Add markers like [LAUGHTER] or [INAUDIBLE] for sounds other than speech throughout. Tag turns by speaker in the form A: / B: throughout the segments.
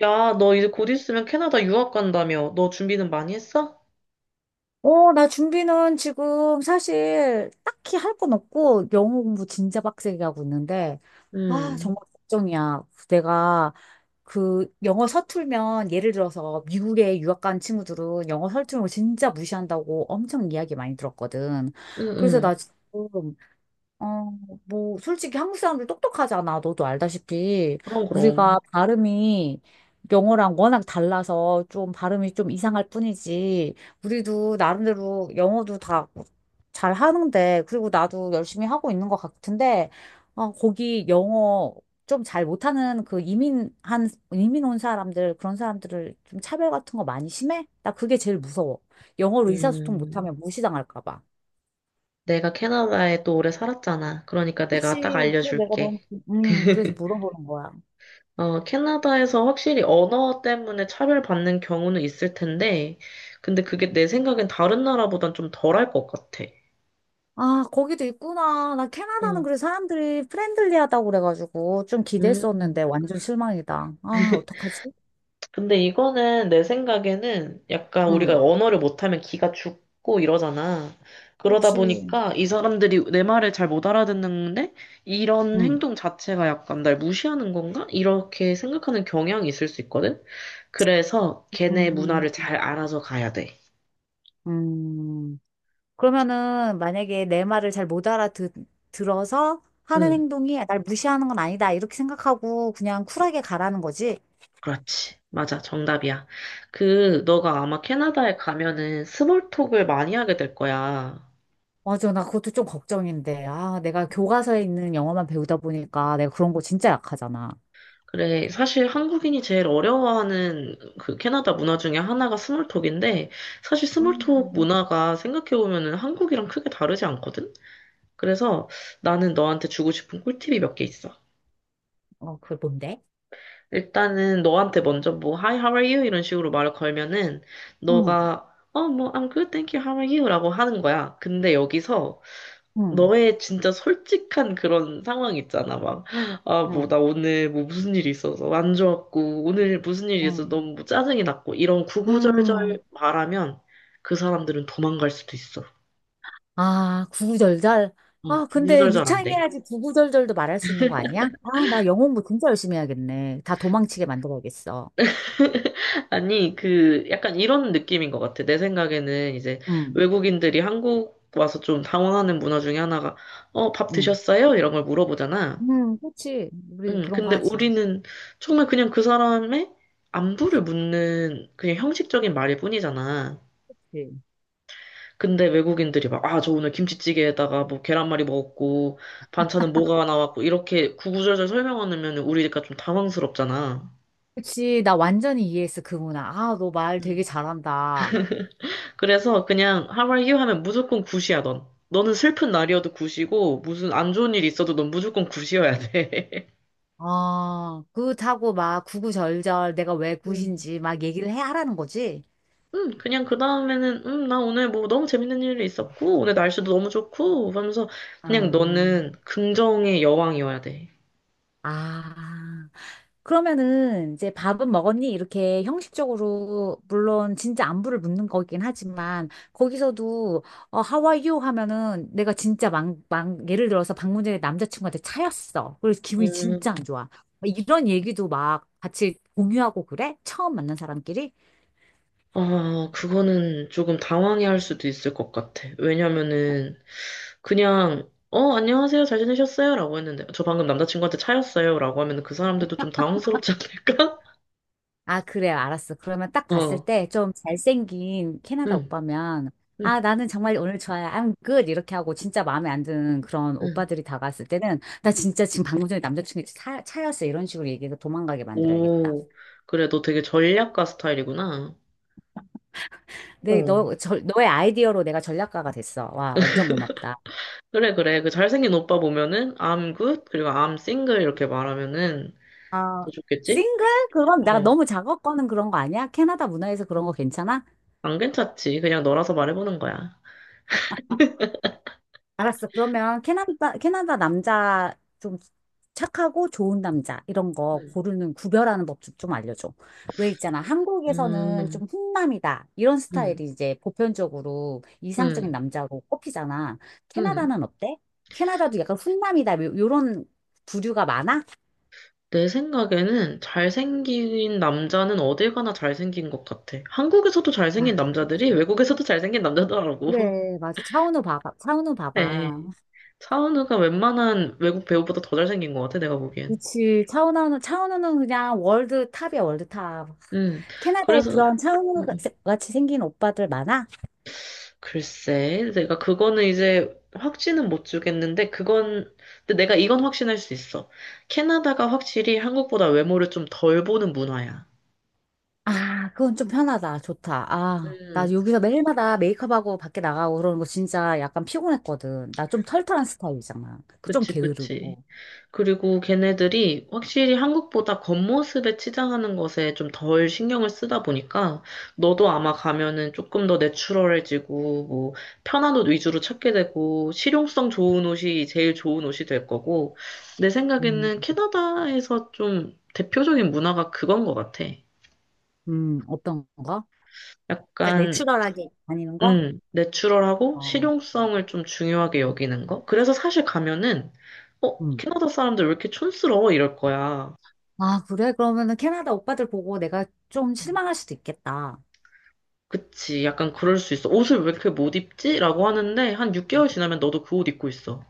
A: 야, 너 이제 곧 있으면 캐나다 유학 간다며. 너 준비는 많이 했어?
B: 어, 나 준비는 지금 사실 딱히 할 건 없고 영어 공부 진짜 빡세게 하고 있는데, 아,
A: 응,
B: 정말 걱정이야. 내가 그 영어 서툴면 예를 들어서 미국에 유학 간 친구들은 영어 서툴면 진짜 무시한다고 엄청 이야기 많이 들었거든.
A: 응,
B: 그래서
A: 응.
B: 나 지금 어, 솔직히 한국 사람들 똑똑하잖아. 너도 알다시피.
A: 그럼, 그럼.
B: 우리가 발음이 영어랑 워낙 달라서 좀 발음이 좀 이상할 뿐이지. 우리도 나름대로 영어도 다 잘 하는데, 그리고 나도 열심히 하고 있는 것 같은데, 아, 거기 영어 좀 잘 못하는 그 이민 온 사람들, 그런 사람들을 좀 차별 같은 거 많이 심해? 나 그게 제일 무서워. 영어로 의사소통
A: 음,
B: 못하면 무시당할까 봐.
A: 내가 캐나다에 또 오래 살았잖아. 그러니까
B: 그치.
A: 내가 딱 알려줄게.
B: 그래서
A: [LAUGHS]
B: 물어보는 거야.
A: 캐나다에서 확실히 언어 때문에 차별받는 경우는 있을 텐데, 근데 그게 내 생각엔 다른 나라보단 좀 덜할 것 같아.
B: 아, 거기도 있구나. 나 캐나다는
A: 응.
B: 그래 사람들이 프렌들리하다고 그래가지고 좀
A: 음.
B: 기대했었는데 완전 실망이다. 아, 어떡하지?
A: 근데 이거는 내 생각에는 약간
B: 응,
A: 우리가 언어를 못하면 기가 죽고 이러잖아. 그러다
B: 그치.
A: 보니까 이 사람들이 내 말을 잘 못 알아듣는데 이런
B: 응.
A: 행동 자체가 약간 날 무시하는 건가? 이렇게 생각하는 경향이 있을 수 있거든. 그래서 걔네
B: 음,
A: 문화를 잘 알아서 가야 돼.
B: 음. 그러면은 만약에 내 말을 잘 못 알아듣, 들어서 하는
A: 응,
B: 행동이 날 무시하는 건 아니다. 이렇게 생각하고 그냥 쿨하게 가라는 거지.
A: 그렇지. 맞아. 정답이야. 너가 아마 캐나다에 가면은 스몰톡을 많이 하게 될 거야.
B: 맞아, 나 그것도 좀 걱정인데. 아, 내가 교과서에 있는 영어만 배우다 보니까 내가 그런 거 진짜 약하잖아.
A: 그래, 사실 한국인이 제일 어려워하는 그 캐나다 문화 중에 하나가 스몰톡인데, 사실 스몰톡
B: 음,
A: 문화가 생각해보면은 한국이랑 크게 다르지 않거든? 그래서 나는 너한테 주고 싶은 꿀팁이 몇 개 있어.
B: 어, 그걸 뭔데?
A: 일단은 너한테 먼저 뭐, Hi, how are you? 이런 식으로 말을 걸면은,
B: 응
A: 너가, 뭐, I'm good, thank you, how are you? 라고 하는 거야. 근데 여기서
B: 응
A: 너의 진짜 솔직한 그런 상황 있잖아. 막, 아, 뭐, 나
B: 응
A: 오늘 뭐 무슨 일이 있어서 안 좋았고, 오늘 무슨 일이
B: 응
A: 있어서 너무 뭐 짜증이 났고, 이런
B: 음.
A: 구구절절 말하면 그 사람들은 도망갈 수도 있어.
B: 아, 구구절절. 아, 근데
A: 구구절절 안 돼.
B: 유창해야지 구구절절도 말할 수 있는 거 아니야? 아, 나 영어 공부 진짜 열심히 해야겠네. 다 도망치게 만들어야겠어.
A: 아니, 약간 이런 느낌인 것 같아. 내 생각에는 이제
B: 응
A: 외국인들이 한국 와서 좀 당황하는 문화 중에 하나가, 밥
B: 응
A: 드셨어요? 이런 걸 물어보잖아.
B: 응 그렇지. 우리
A: 응.
B: 그런 거
A: 근데
B: 하지.
A: 우리는 정말 그냥 그 사람의 안부를 묻는 그냥 형식적인 말일 뿐이잖아.
B: 그치.
A: 근데 외국인들이 막, 아, 저 오늘 김치찌개에다가 뭐 계란말이 먹었고, 반찬은 뭐가 나왔고, 이렇게 구구절절 설명하면 우리가 좀 당황스럽잖아.
B: 그치. 나 완전히 이해했어, 그 문화. 아, 너 말 되게
A: 음.
B: 잘한다.
A: 그래서 그냥 How are you 하면 무조건 굿이야, 넌. 너는 슬픈 날이어도 굿이고, 무슨 안 좋은 일이 있어도 넌 무조건 굿이어야 돼.
B: 아, 굿하고 막 구구절절 내가 왜
A: [LAUGHS] 음.
B: 굿인지 막 얘기를 해 하라는 거지?
A: 그냥 그 다음에는, 나 오늘 뭐 너무 재밌는 일이 있었고, 오늘 날씨도 너무 좋고, 하면서 그냥
B: 아,
A: 너는 긍정의 여왕이어야 돼.
B: 아. 그러면은 이제 밥은 먹었니? 이렇게 형식적으로 물론 진짜 안부를 묻는 거긴 하지만 거기서도 어, How are you? 하면은 내가 진짜 막, 막 예를 들어서 방문자의 남자친구한테 차였어. 그래서 기분이
A: 음,
B: 진짜 안 좋아. 이런 얘기도 막 같이 공유하고 그래? 처음 만난 사람끼리?
A: 아, 그거는 조금 당황해 할 수도 있을 것 같아. 왜냐면은, 그냥, 안녕하세요, 잘 지내셨어요? 라고 했는데, 저 방금 남자친구한테 차였어요? 라고 하면 그 사람들도 좀 당황스럽지 않을까? [LAUGHS]
B: 아, 그래, 알았어. 그러면 딱 봤을
A: 어,
B: 때 좀 잘생긴 캐나다
A: 응,
B: 오빠면,
A: 응,
B: 아, 나는 정말 오늘 좋아요. I'm good. 이렇게 하고 진짜 마음에 안 드는 그런
A: 응.
B: 오빠들이 다가왔을 때는, 나 진짜 지금 방금 전에 차였어. 이런 식으로 얘기해서 도망가게 만들어야겠다.
A: 오, 그래, 너 되게 전략가 스타일이구나. 어.
B: 너의 아이디어로 내가 전략가가 됐어. 와, 완전 고맙다.
A: 그래, 그래. 그 잘생긴 오빠 보면은, I'm good, 그리고 I'm single 이렇게 말하면은 더
B: 아,
A: 좋겠지?
B: 싱글? 그럼 나
A: 어.
B: 너무 작업 거는 그런 거 아니야? 캐나다 문화에서 그런 거 괜찮아?
A: 안 괜찮지. 그냥 너라서 말해보는 거야.
B: 알았어. 그러면 캐나다 남자 좀 착하고 좋은 남자 이런 거
A: 음,
B: 고르는 구별하는 법 좀 알려줘. 왜 있잖아. 한국에서는
A: 음,
B: 좀 훈남이다. 이런
A: 음,
B: 스타일이 이제 보편적으로 이상적인
A: 음.
B: 남자로 꼽히잖아.
A: 음.
B: 캐나다는 어때? 캐나다도 약간 훈남이다. 요런 부류가 많아?
A: 내 생각에는 잘생긴 남자는 어딜 가나 잘생긴 것 같아. 한국에서도 잘생긴
B: 아,
A: 남자들이 외국에서도 잘생긴 남자더라고. [LAUGHS]
B: 그래. 맞아. 차은우 봐봐. 차은우
A: 네.
B: 봐봐.
A: 차은우가 웬만한 외국 배우보다 더 잘생긴 것 같아, 내가 보기엔.
B: 그치. 차은우는 그냥 월드탑이야, 월드탑.
A: 음,
B: 캐나다에
A: 그래서,
B: 그런
A: 음,
B: 차은우
A: 음.
B: 같이 생긴 오빠들 많아?
A: 글쎄, 내가 그거는 이제 확신은 못 주겠는데, 그건, 근데 내가 이건 확신할 수 있어. 캐나다가 확실히 한국보다 외모를 좀 덜 보는 문화야.
B: 아, 그건 좀 편하다. 좋다. 아, 나
A: 음,
B: 여기서 매일마다 메이크업하고 밖에 나가고 그러는 거 진짜 약간 피곤했거든. 나 좀 털털한 스타일이잖아. 그 좀
A: 그치, 그치.
B: 게으르고.
A: 그리고 걔네들이 확실히 한국보다 겉모습에 치장하는 것에 좀 덜 신경을 쓰다 보니까 너도 아마 가면은 조금 더 내추럴해지고 뭐 편한 옷 위주로 찾게 되고 실용성 좋은 옷이 제일 좋은 옷이 될 거고 내
B: 음,
A: 생각에는 캐나다에서 좀 대표적인 문화가 그건 것 같아.
B: 어떤 거? 그러니까
A: 약간
B: 내추럴하게 다니는 거?
A: 내추럴하고
B: 어,
A: 실용성을 좀 중요하게
B: 음.
A: 여기는 거. 그래서 사실 가면은
B: 음.
A: 캐나다 사람들 왜 이렇게 촌스러워 이럴 거야.
B: 아, 그래? 그러면은 캐나다 오빠들 보고 내가 좀 실망할 수도 있겠다.
A: 그치. 약간 그럴 수 있어. 옷을 왜 이렇게 못 입지? 라고 하는데, 한 6개월 지나면 너도 그 옷 입고 있어.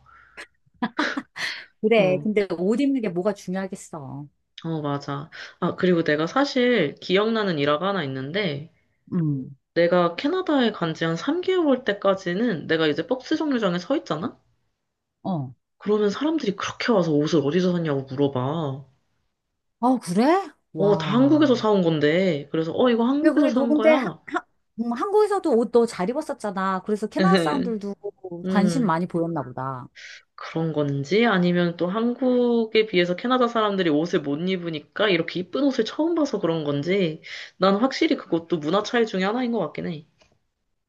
B: 그래.
A: 어,
B: 근데 옷 입는 게 뭐가 중요하겠어.
A: 어, 맞아. 아, 그리고 내가 사실 기억나는 일화가 하나 있는데,
B: 음.
A: 내가 캐나다에 간지 한 3개월 때까지는 내가 이제 박스 정류장에 서 있잖아?
B: 어.
A: 그러면 사람들이 그렇게 와서 옷을 어디서 샀냐고 물어봐.
B: 어, 그래?
A: 다 한국에서
B: 와.
A: 사온 건데. 그래서, 이거
B: 그래,
A: 한국에서
B: 그래. 너
A: 산
B: 근데
A: 거야.
B: 한국에서도 옷 너 잘 입었었잖아. 그래서 캐나다
A: [LAUGHS]
B: 사람들도 관심
A: 음,
B: 많이 보였나 보다.
A: 그런 건지 아니면 또 한국에 비해서 캐나다 사람들이 옷을 못 입으니까 이렇게 이쁜 옷을 처음 봐서 그런 건지 난 확실히 그것도 문화 차이 중에 하나인 것 같긴 해.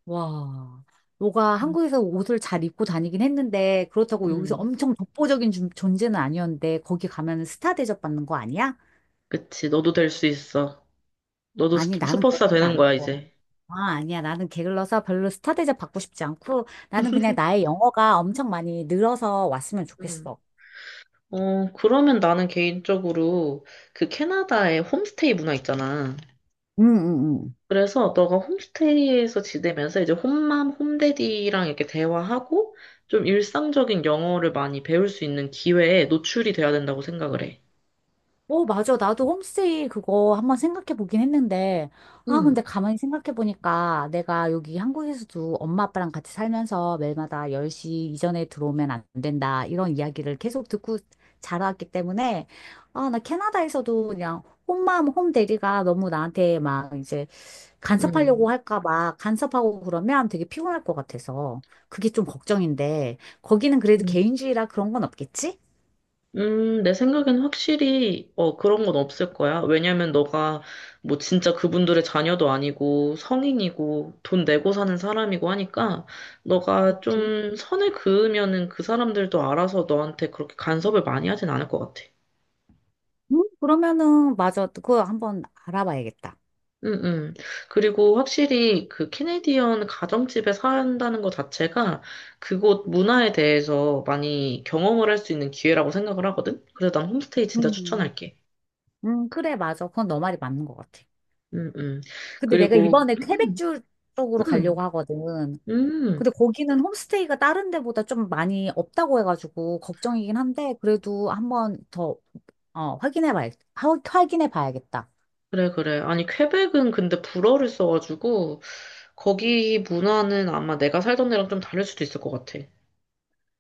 B: 와. 너가
A: 음,
B: 한국에서 옷을 잘 입고 다니긴 했는데, 그렇다고 여기서
A: 음.
B: 엄청 독보적인 존재는 아니었는데, 거기 가면 스타 대접받는 거 아니야?
A: 그치, 너도 될 수 있어. 너도
B: 아니, 나는
A: 슈퍼스타
B: 그렇진
A: 되는 거야,
B: 않았고.
A: 이제.
B: 아, 아니야. 나는 게을러서 별로 스타 대접 받고 싶지 않고, 나는 그냥 나의 영어가 엄청 많이 늘어서 왔으면
A: 음.
B: 좋겠어.
A: 그러면 나는 개인적으로 그 캐나다의 홈스테이 문화 있잖아.
B: 응, 응, 응.
A: 그래서 너가 홈스테이에서 지내면서 이제 홈맘, 홈데디랑 이렇게 대화하고 좀 일상적인 영어를 많이 배울 수 있는 기회에 노출이 돼야 된다고 생각을 해.
B: 오, 맞아. 나도 홈스테이 그거 한번 생각해 보긴 했는데, 아,
A: 음,
B: 근데 가만히 생각해 보니까 내가 여기 한국에서도 엄마 아빠랑 같이 살면서 매일마다 10시 이전에 들어오면 안 된다. 이런 이야기를 계속 듣고 자라왔기 때문에, 아, 나 캐나다에서도 그냥 홈맘, 홈데리가 너무 나한테 막 이제 간섭하려고
A: 음,
B: 할까 봐 간섭하고 그러면 되게 피곤할 것 같아서 그게 좀 걱정인데 거기는 그래도
A: 음,
B: 개인주의라 그런 건 없겠지?
A: 내 생각엔 확실히 그런 건 없을 거야. 왜냐면 너가 뭐 진짜 그분들의 자녀도 아니고 성인이고 돈 내고 사는 사람이고 하니까 너가
B: 그치?
A: 좀 선을 그으면은 그 사람들도 알아서 너한테 그렇게 간섭을 많이 하진 않을 것 같아.
B: 그러면은 맞아. 그거 한번 알아봐야겠다.
A: 음, 음. 그리고 확실히 그 캐네디언 가정집에 산다는 것 자체가 그곳 문화에 대해서 많이 경험을 할 수 있는 기회라고 생각을 하거든? 그래서 난 홈스테이 진짜
B: 음.
A: 추천할게.
B: 그래, 맞아. 그건 너 말이 맞는 것 같아.
A: 음, 음. 그
B: 근데
A: 리
B: 내가
A: 고
B: 이번에 퀘벡주 쪽으로
A: 음,
B: 가려고 하거든.
A: 음.
B: 근데 거기는 홈스테이가 다른 데보다 좀 많이 없다고 해가지고 걱정이긴 한데, 그래도 한번 더, 어, 확인해 봐야, 확인해 봐야겠다.
A: 그래, 그래. 아니, 퀘벡은 근데 불어를 써가지고 거기 문화는 아마 내가 살던 데랑 좀 다를 수도 있을 것 같아.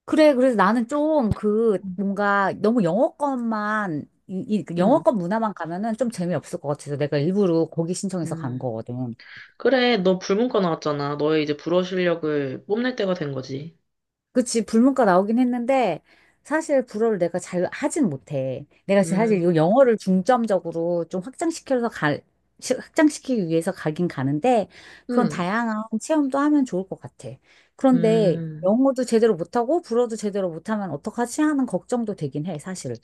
B: 그래, 그래서 나는 좀 그
A: 음.
B: 뭔가 너무 그
A: 음,
B: 영어권 문화만 가면은 좀 재미없을 것 같아서 내가 일부러 거기 신청해서 간
A: 음.
B: 거거든.
A: 그래, 너 불문과 나왔잖아. 너의 이제 불어 실력을 뽐낼 때가 된 거지.
B: 그치, 불문과 나오긴 했는데 사실 불어를 내가 잘 하진 못해. 내가 지금 사실
A: 음,
B: 이 영어를 중점적으로 좀 확장시켜서 갈, 시- 확장시키기 위해서 가긴 가는데 그런
A: 음.
B: 다양한 체험도 하면 좋을 것 같아. 그런데
A: 음,
B: 영어도 제대로 못하고 불어도 제대로 못하면 어떡하지 하는 걱정도 되긴 해, 사실.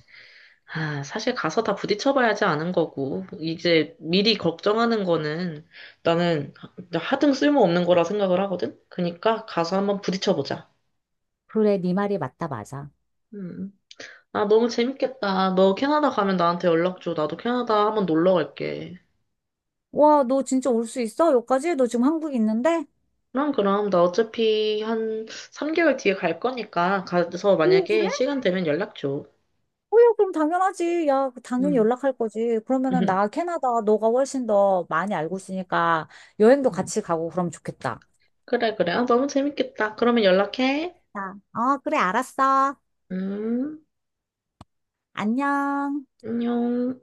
A: 아, 사실 가서 다 부딪혀봐야지 아는 거고, 이제 미리 걱정하는 거는 나는 하등 쓸모없는 거라 생각을 하거든? 그니까 가서 한번 부딪혀보자.
B: 그래, 네 말이 맞다, 맞아.
A: 음. 아, 너무 재밌겠다. 너 캐나다 가면 나한테 연락 줘. 나도 캐나다 한번 놀러 갈게.
B: 와, 너 진짜 올 수 있어? 여기까지? 너 지금 한국에 있는데?
A: 그럼, 그럼. 나 어차피 한 3개월 뒤에 갈 거니까 가서
B: 오, 그래?
A: 만약에 시간 되면 연락 줘.
B: 어, 야, 그럼 당연하지. 야, 당연히
A: 음.
B: 연락할 거지. 그러면은 나
A: [LAUGHS]
B: 캐나다 너가 훨씬 더 많이 알고 있으니까 여행도
A: 음.
B: 같이 가고 그러면 좋겠다.
A: 그래, 그래. 아, 너무 재밌겠다. 그러면 연락해.
B: 아, 어, 그래, 알았어.
A: 음,
B: 안녕.
A: 안녕.